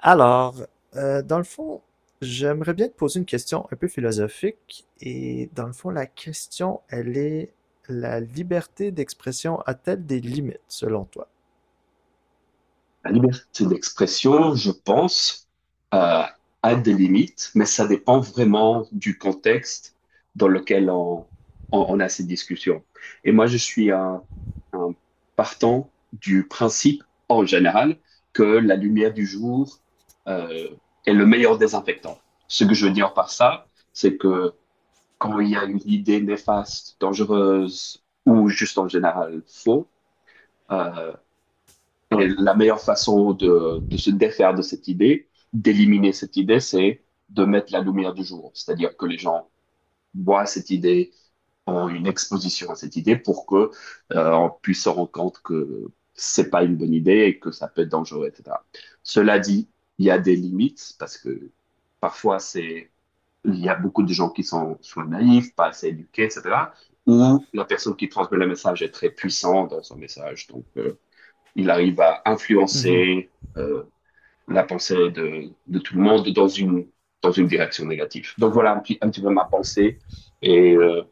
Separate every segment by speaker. Speaker 1: Alors, dans le fond, j'aimerais bien te poser une question un peu philosophique. Et dans le fond, la question, elle est, la liberté d'expression a-t-elle des limites, selon toi?
Speaker 2: La liberté d'expression, je pense, euh, a des limites, mais ça dépend vraiment du contexte dans lequel on a ces discussions. Et moi, je suis un partant du principe, en général, que la lumière du jour, euh, est le meilleur désinfectant. Ce que je veux dire par ça, c'est que quand il y a une idée néfaste, dangereuse ou juste en général faux, euh, et la meilleure façon de se défaire de cette idée, d'éliminer cette idée, c'est de mettre la lumière du jour. C'est-à-dire que les gens voient cette idée, ont une exposition à cette idée pour que on puisse se rendre compte que c'est pas une bonne idée et que ça peut être dangereux, etc. Cela dit, il y a des limites parce que parfois c'est il y a beaucoup de gens qui sont soit naïfs, pas assez éduqués, etc. Ou la personne qui transmet le message est très puissante dans son message. Donc, il arrive à
Speaker 1: Mhm,
Speaker 2: influencer euh, la pensée de tout le monde dans une direction négative. Donc voilà un petit peu ma pensée. Et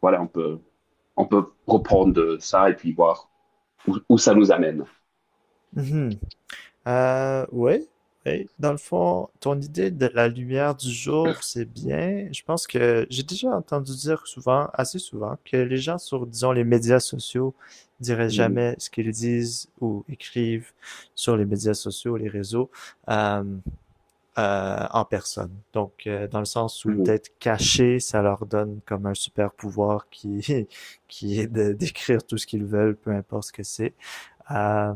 Speaker 2: voilà, on peut reprendre ça et puis voir où ça nous amène.
Speaker 1: mhm. Oui, oui. Dans le fond, ton idée de la lumière du jour, c'est bien. Je pense que j'ai déjà entendu dire souvent, assez souvent, que les gens sur, disons, les médias sociaux diraient
Speaker 2: Mhm,
Speaker 1: jamais ce qu'ils disent ou écrivent sur les médias sociaux, les réseaux. Euh, en personne. Donc, dans le sens où
Speaker 2: mhm,
Speaker 1: d'être caché, ça leur donne comme un super pouvoir qui, qui est de décrire tout ce qu'ils veulent, peu importe ce que c'est. Euh,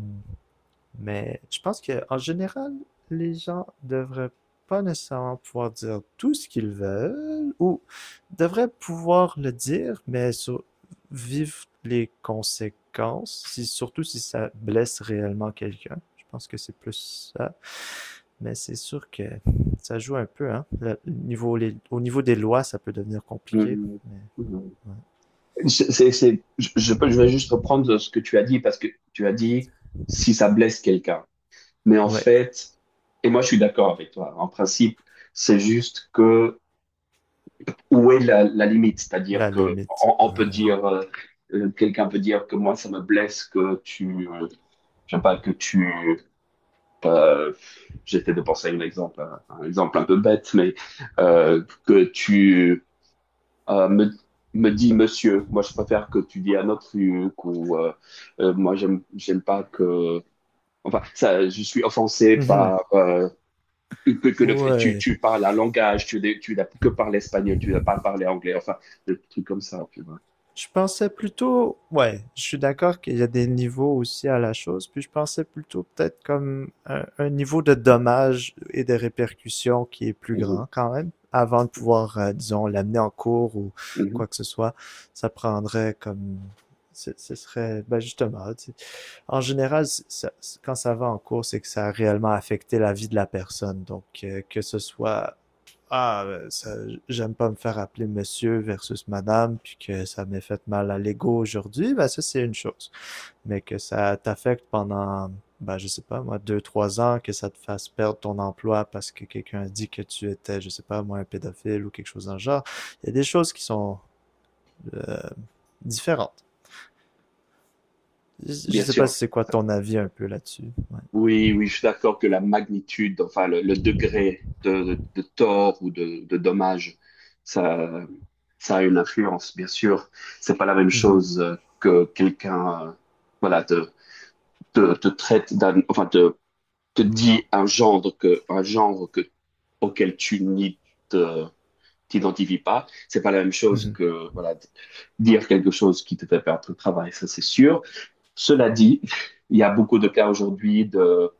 Speaker 1: mais je pense que en général, les gens devraient pas nécessairement pouvoir dire tout ce qu'ils veulent ou devraient pouvoir le dire, mais sur, vivre les conséquences, si, surtout si ça blesse réellement quelqu'un. Je pense que c'est plus ça. Mais c'est sûr que ça joue un peu, hein. Le au niveau des lois, ça peut devenir compliqué.
Speaker 2: mhm,
Speaker 1: Mais
Speaker 2: mhm. Je vais juste reprendre ce que tu as dit parce que tu as dit si ça blesse quelqu'un. Mais en
Speaker 1: ouais. Ouais,
Speaker 2: fait, et moi je suis d'accord avec toi, en principe, c'est juste que où est la limite? C'est-à-dire
Speaker 1: la
Speaker 2: que
Speaker 1: limite.
Speaker 2: on peut dire, quelqu'un peut dire que moi, ça me blesse que tu, je sais pas, que tu, euh, j'essaie de penser à un exemple, hein, un exemple un peu bête, mais que tu euh, me, me dis monsieur. Moi, je préfère que tu dis un autre truc ou moi, j'aime pas que, enfin, ça, je suis offensé
Speaker 1: Mhm.
Speaker 2: par que le tu,
Speaker 1: Ouais.
Speaker 2: tu parles un langage, tu n'as que parlé espagnol, tu n'as pas parlé anglais, enfin, des trucs comme ça, tu vois.
Speaker 1: Je pensais plutôt. Ouais, je suis d'accord qu'il y a des niveaux aussi à la chose. Puis je pensais plutôt peut-être comme un niveau de dommages et de répercussions qui est plus
Speaker 2: Mhm,
Speaker 1: grand quand même. Avant de pouvoir, disons, l'amener en cours ou
Speaker 2: mhm.
Speaker 1: quoi que ce soit, ça prendrait comme. Ce serait, ben justement, tu sais, en général, quand ça va en cours, c'est que ça a réellement affecté la vie de la personne. Donc, que ce soit, ah, euh, ça- j'aime pas me faire appeler monsieur versus madame, puis que ça m'ait fait mal à l'ego aujourd'hui, ben ça, c'est une chose. Mais que ça t'affecte pendant, ben, je sais pas, moi, deux, trois ans, que ça te fasse perdre ton emploi parce que quelqu'un a dit que tu étais, je sais pas, moi, un pédophile ou quelque chose dans le genre. Il y a des choses qui sont euh, différentes. Je
Speaker 2: Bien
Speaker 1: sais pas
Speaker 2: sûr.
Speaker 1: si c'est quoi ton avis un peu là-dessus. Ouais.
Speaker 2: Oui, oui, je suis d'accord que la magnitude, enfin, le degré de tort ou de dommage, ça, ça a une influence, bien sûr. C'est pas la même
Speaker 1: Mhm.
Speaker 2: chose que quelqu'un, voilà, te traite d'un, enfin, te dit un genre auquel te, t'identifies pas. C'est pas la même chose
Speaker 1: Mhm.
Speaker 2: que voilà dire quelque chose qui te fait perdre ton travail, ça c'est sûr. Cela dit, il y a beaucoup de cas aujourd'hui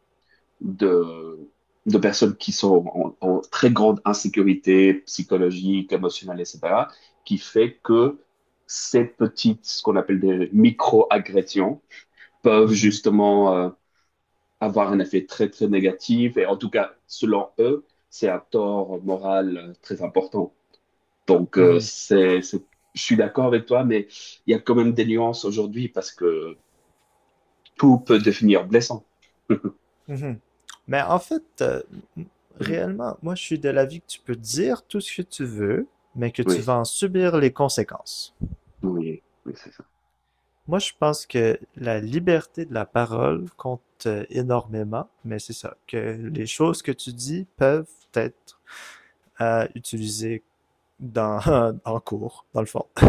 Speaker 2: de de personnes qui sont en, en très grande insécurité psychologique, émotionnelle, et cetera, qui fait que ces petites, ce qu'on appelle des micro-agressions, peuvent
Speaker 1: Mhm,
Speaker 2: justement avoir un effet très très négatif. Et en tout cas, selon eux, c'est un tort moral très important. Donc,
Speaker 1: mhm,
Speaker 2: je suis d'accord avec toi, mais il y a quand même des nuances aujourd'hui parce que tout peut devenir blessant.
Speaker 1: mhm. Mais en fait, m- réellement, moi, je suis de l'avis que tu peux dire tout ce que tu veux, mais que tu
Speaker 2: Oui,
Speaker 1: vas en subir les conséquences.
Speaker 2: oui, oui, c'est ça.
Speaker 1: Moi, je pense que la liberté de la parole compte énormément, mais c'est ça, que les choses que tu dis peuvent être utilisées dans, en cours, dans le fond,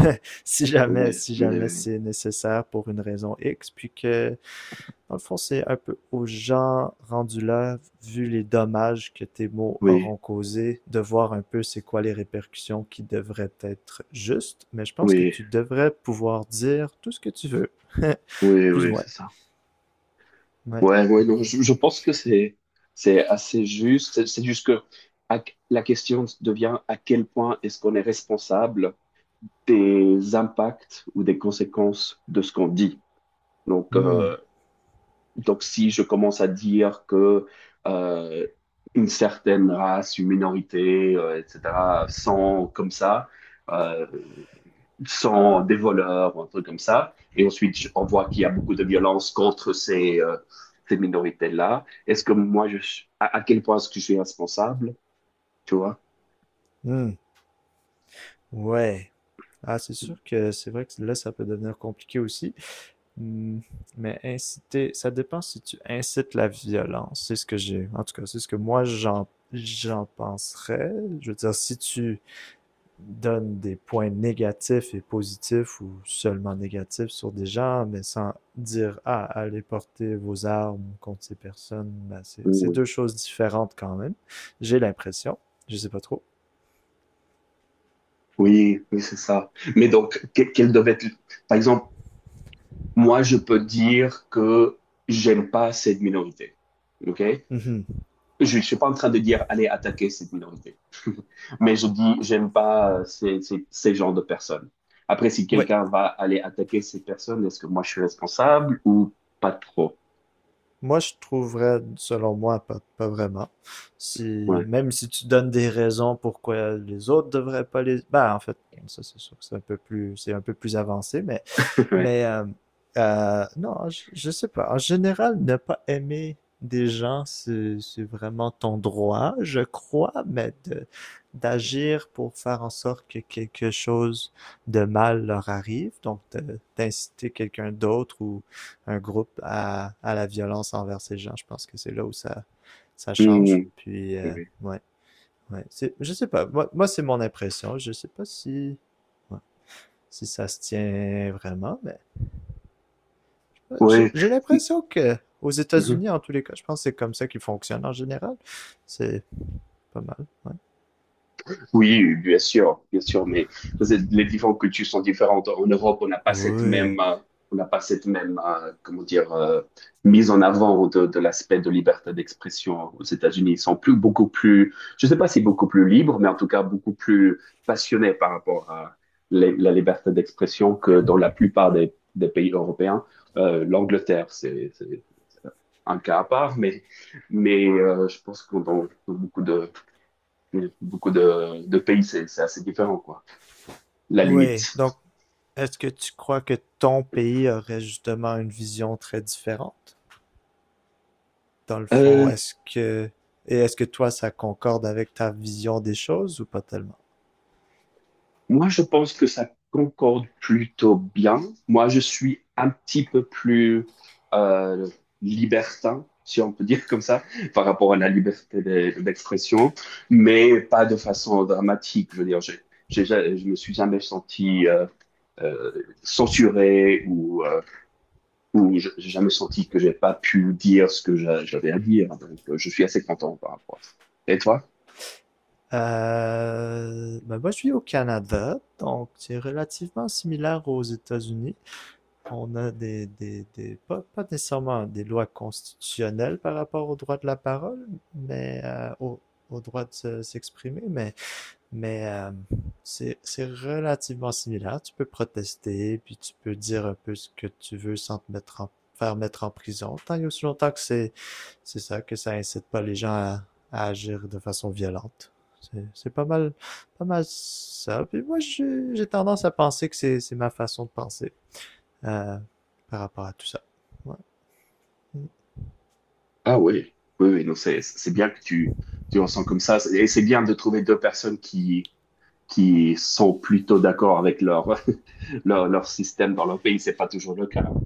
Speaker 1: si jamais,
Speaker 2: Oui,
Speaker 1: si jamais
Speaker 2: oui,
Speaker 1: c'est nécessaire pour une raison X, puis que dans le fond, c'est un peu aux gens rendus là, vu les dommages que tes mots
Speaker 2: oui,
Speaker 1: auront causés, de voir un peu c'est quoi les répercussions qui devraient être justes, mais je pense que
Speaker 2: oui,
Speaker 1: tu devrais pouvoir dire tout ce que tu veux.
Speaker 2: oui,
Speaker 1: Plus ou
Speaker 2: oui,
Speaker 1: moins.
Speaker 2: c'est ça.
Speaker 1: Ouais.
Speaker 2: Ouais, ouais, non, je pense que c'est assez juste. C'est juste que à- la question devient à quel point est-ce qu'on est responsable des impacts ou des conséquences de ce qu'on dit. Donc,
Speaker 1: Hmm.
Speaker 2: si je commence à dire que euh, une certaine race, une minorité, etc., sont comme ça, euh, sont des voleurs, ou un truc comme ça, et ensuite on voit qu'il y a beaucoup de violence contre ces minorités-là, est-ce que moi, je, suis- à quel point est-ce que je suis responsable, tu vois?
Speaker 1: Hmm. Ouais. Ah, c'est sûr que c'est vrai que là, ça peut devenir compliqué aussi. Hmm. Mais inciter, ça dépend si tu incites la violence. C'est ce que j'ai. En tout cas, c'est ce que moi, j'en penserais. Je veux dire, si tu donne des points négatifs et positifs ou seulement négatifs sur des gens, mais sans dire ah, allez porter vos armes contre ces personnes, ben, c'est
Speaker 2: Oui,
Speaker 1: deux choses différentes quand même. J'ai l'impression. Je sais pas trop.
Speaker 2: oui, oui, c'est ça. Mais donc, quelle devait être... Par exemple, moi, je peux dire que j'aime pas cette minorité. OK?
Speaker 1: Mhm.
Speaker 2: Je ne suis pas en train de dire allez attaquer cette minorité, mais je dis j'aime pas ces genres de personnes. Après, si
Speaker 1: Oui.
Speaker 2: quelqu'un va aller attaquer cette personne, est-ce que moi je suis responsable ou pas trop?
Speaker 1: Moi, je trouverais, selon moi, pas vraiment. Si,
Speaker 2: Ouais,
Speaker 1: même si tu donnes des raisons pourquoi les autres devraient pas les, ben, en fait, ça, c'est sûr que c'est un peu plus, c'est un peu plus avancé, mais
Speaker 2: ouais.
Speaker 1: Mais non, je sais pas. En général, ne pas aimer des gens, c'est vraiment ton droit, je crois, d'agir pour faire en sorte que quelque chose de mal leur arrive, d'inciter quelqu'un d'autre ou un groupe à la violence envers ces gens, je pense que c'est là où ça change.
Speaker 2: Mmh.
Speaker 1: Puis, ouais, ouais, c'est, je sais pas, moi, moi c'est mon impression, je sais pas si, ouais, si ça se tient vraiment, mais
Speaker 2: Oui,
Speaker 1: j'ai l'impression que aux
Speaker 2: oui.
Speaker 1: États-Unis, en tous les cas, je pense que c'est comme ça qu'ils fonctionnent en général. C'est pas mal, ouais.
Speaker 2: Oui, bien sûr, mais les différentes cultures sont différentes. En Europe, on n'a pas cette
Speaker 1: Oui.
Speaker 2: même, comment dire, mise en avant de l'aspect de liberté d'expression. Aux États-Unis, ils sont je ne sais pas si beaucoup plus libres, mais en tout cas beaucoup plus passionnés par rapport à la liberté d'expression que dans la plupart des pays européens. l'Angleterre, c'est un cas à part, mais je pense que dans dans beaucoup de pays, c'est assez différent, quoi. La
Speaker 1: Oui.
Speaker 2: limite.
Speaker 1: Donc, est-ce que tu crois que ton pays aurait justement une vision très différente? Dans le fond,
Speaker 2: Euh,
Speaker 1: est-ce que et est-ce que toi, ça concorde avec ta vision des choses ou pas tellement?
Speaker 2: Moi, je pense que ça concorde plutôt bien. Moi, je suis un petit peu plus euh, libertin, si on peut dire comme ça, par rapport à la liberté d'expression, mais pas de façon dramatique. Je veux dire, je me suis jamais senti euh, censuré ou j'ai jamais senti que j'ai pas pu dire ce que j'avais à dire. Donc, je suis assez content par rapport à ça. Et toi?
Speaker 1: Ben moi, je suis au Canada, donc c'est relativement similaire aux États-Unis. On a des pas, pas nécessairement des lois constitutionnelles par rapport au droit de la parole, mais au droit de s'exprimer, mais c'est relativement similaire. Tu peux protester, puis tu peux dire un peu ce que tu veux sans faire mettre en prison, tant et aussi longtemps que c'est ça, que ça incite pas les gens à agir de façon violente. C'est- pas mal, pas mal ça. Puis moi, j'ai tendance à penser que c'est ma façon de penser euh, par rapport à tout ça. Ouais.
Speaker 2: Ah oui, oui, oui, non, c'est bien que tu ressens comme ça. Et c'est bien de trouver deux personnes qui sont plutôt d'accord avec leur leur système dans leur pays. C'est pas toujours le cas, hein.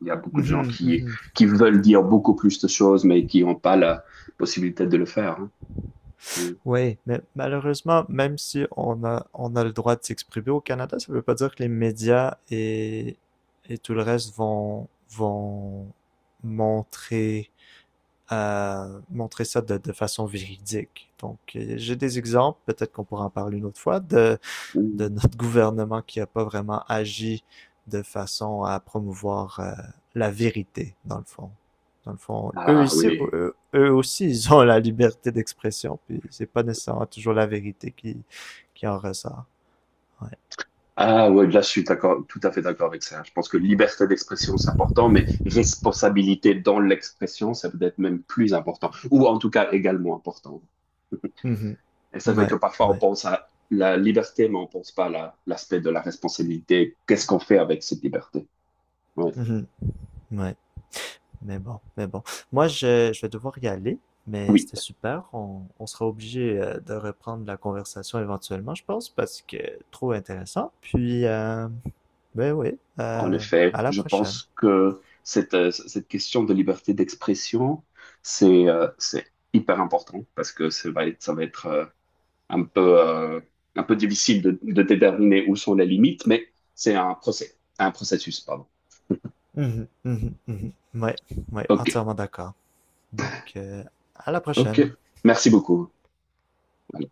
Speaker 2: Il y a beaucoup de gens
Speaker 1: Mhm, mhm.
Speaker 2: qui veulent dire beaucoup plus de choses, mais qui n'ont pas la possibilité de le faire, hein. Mm.
Speaker 1: Oui, mais malheureusement, même si on a, on a le droit de s'exprimer au Canada, ça veut pas dire que les médias et tout le reste vont montrer, montrer ça de façon véridique. Donc, j'ai des exemples, peut-être qu'on pourra en parler une autre fois, de
Speaker 2: Mm.
Speaker 1: notre gouvernement qui n'a pas vraiment agi de façon à promouvoir la vérité, dans le fond. Dans le fond,
Speaker 2: Ah oui.
Speaker 1: eux aussi, ils ont la liberté d'expression, puis c'est pas nécessairement toujours la vérité qui en ressort. Ouais.
Speaker 2: Ah oui, là, je suis d'accord, tout à fait d'accord avec ça. Je pense que liberté d'expression, c'est important, mais responsabilité dans l'expression, c'est peut-être même plus important, ou en tout cas également important.
Speaker 1: Mhm.
Speaker 2: Et c'est vrai
Speaker 1: Ouais,
Speaker 2: que parfois, on
Speaker 1: ouais.
Speaker 2: pense à la liberté, mais on pense pas à l'aspect de la responsabilité. Qu'est-ce qu'on fait avec cette liberté? Ouais.
Speaker 1: Mhm. Ouais. Mais bon. Je vais devoir y aller, mais
Speaker 2: Oui.
Speaker 1: c'était super. On sera obligé de reprendre la conversation éventuellement, je pense, parce que trop intéressant. Ben oui,
Speaker 2: En
Speaker 1: heu,
Speaker 2: effet,
Speaker 1: à la
Speaker 2: je
Speaker 1: prochaine.
Speaker 2: pense que cette, cette question de liberté d'expression, c'est hyper important parce que ça va être un peu, euh, un peu difficile de déterminer où sont les limites, mais c'est un processus, pardon.
Speaker 1: Mmh mh. Mmh. Mmh. Ouais, ouais,
Speaker 2: OK,
Speaker 1: entièrement d'accord. Donc, à la prochaine.
Speaker 2: OK. Merci beaucoup. Voilà.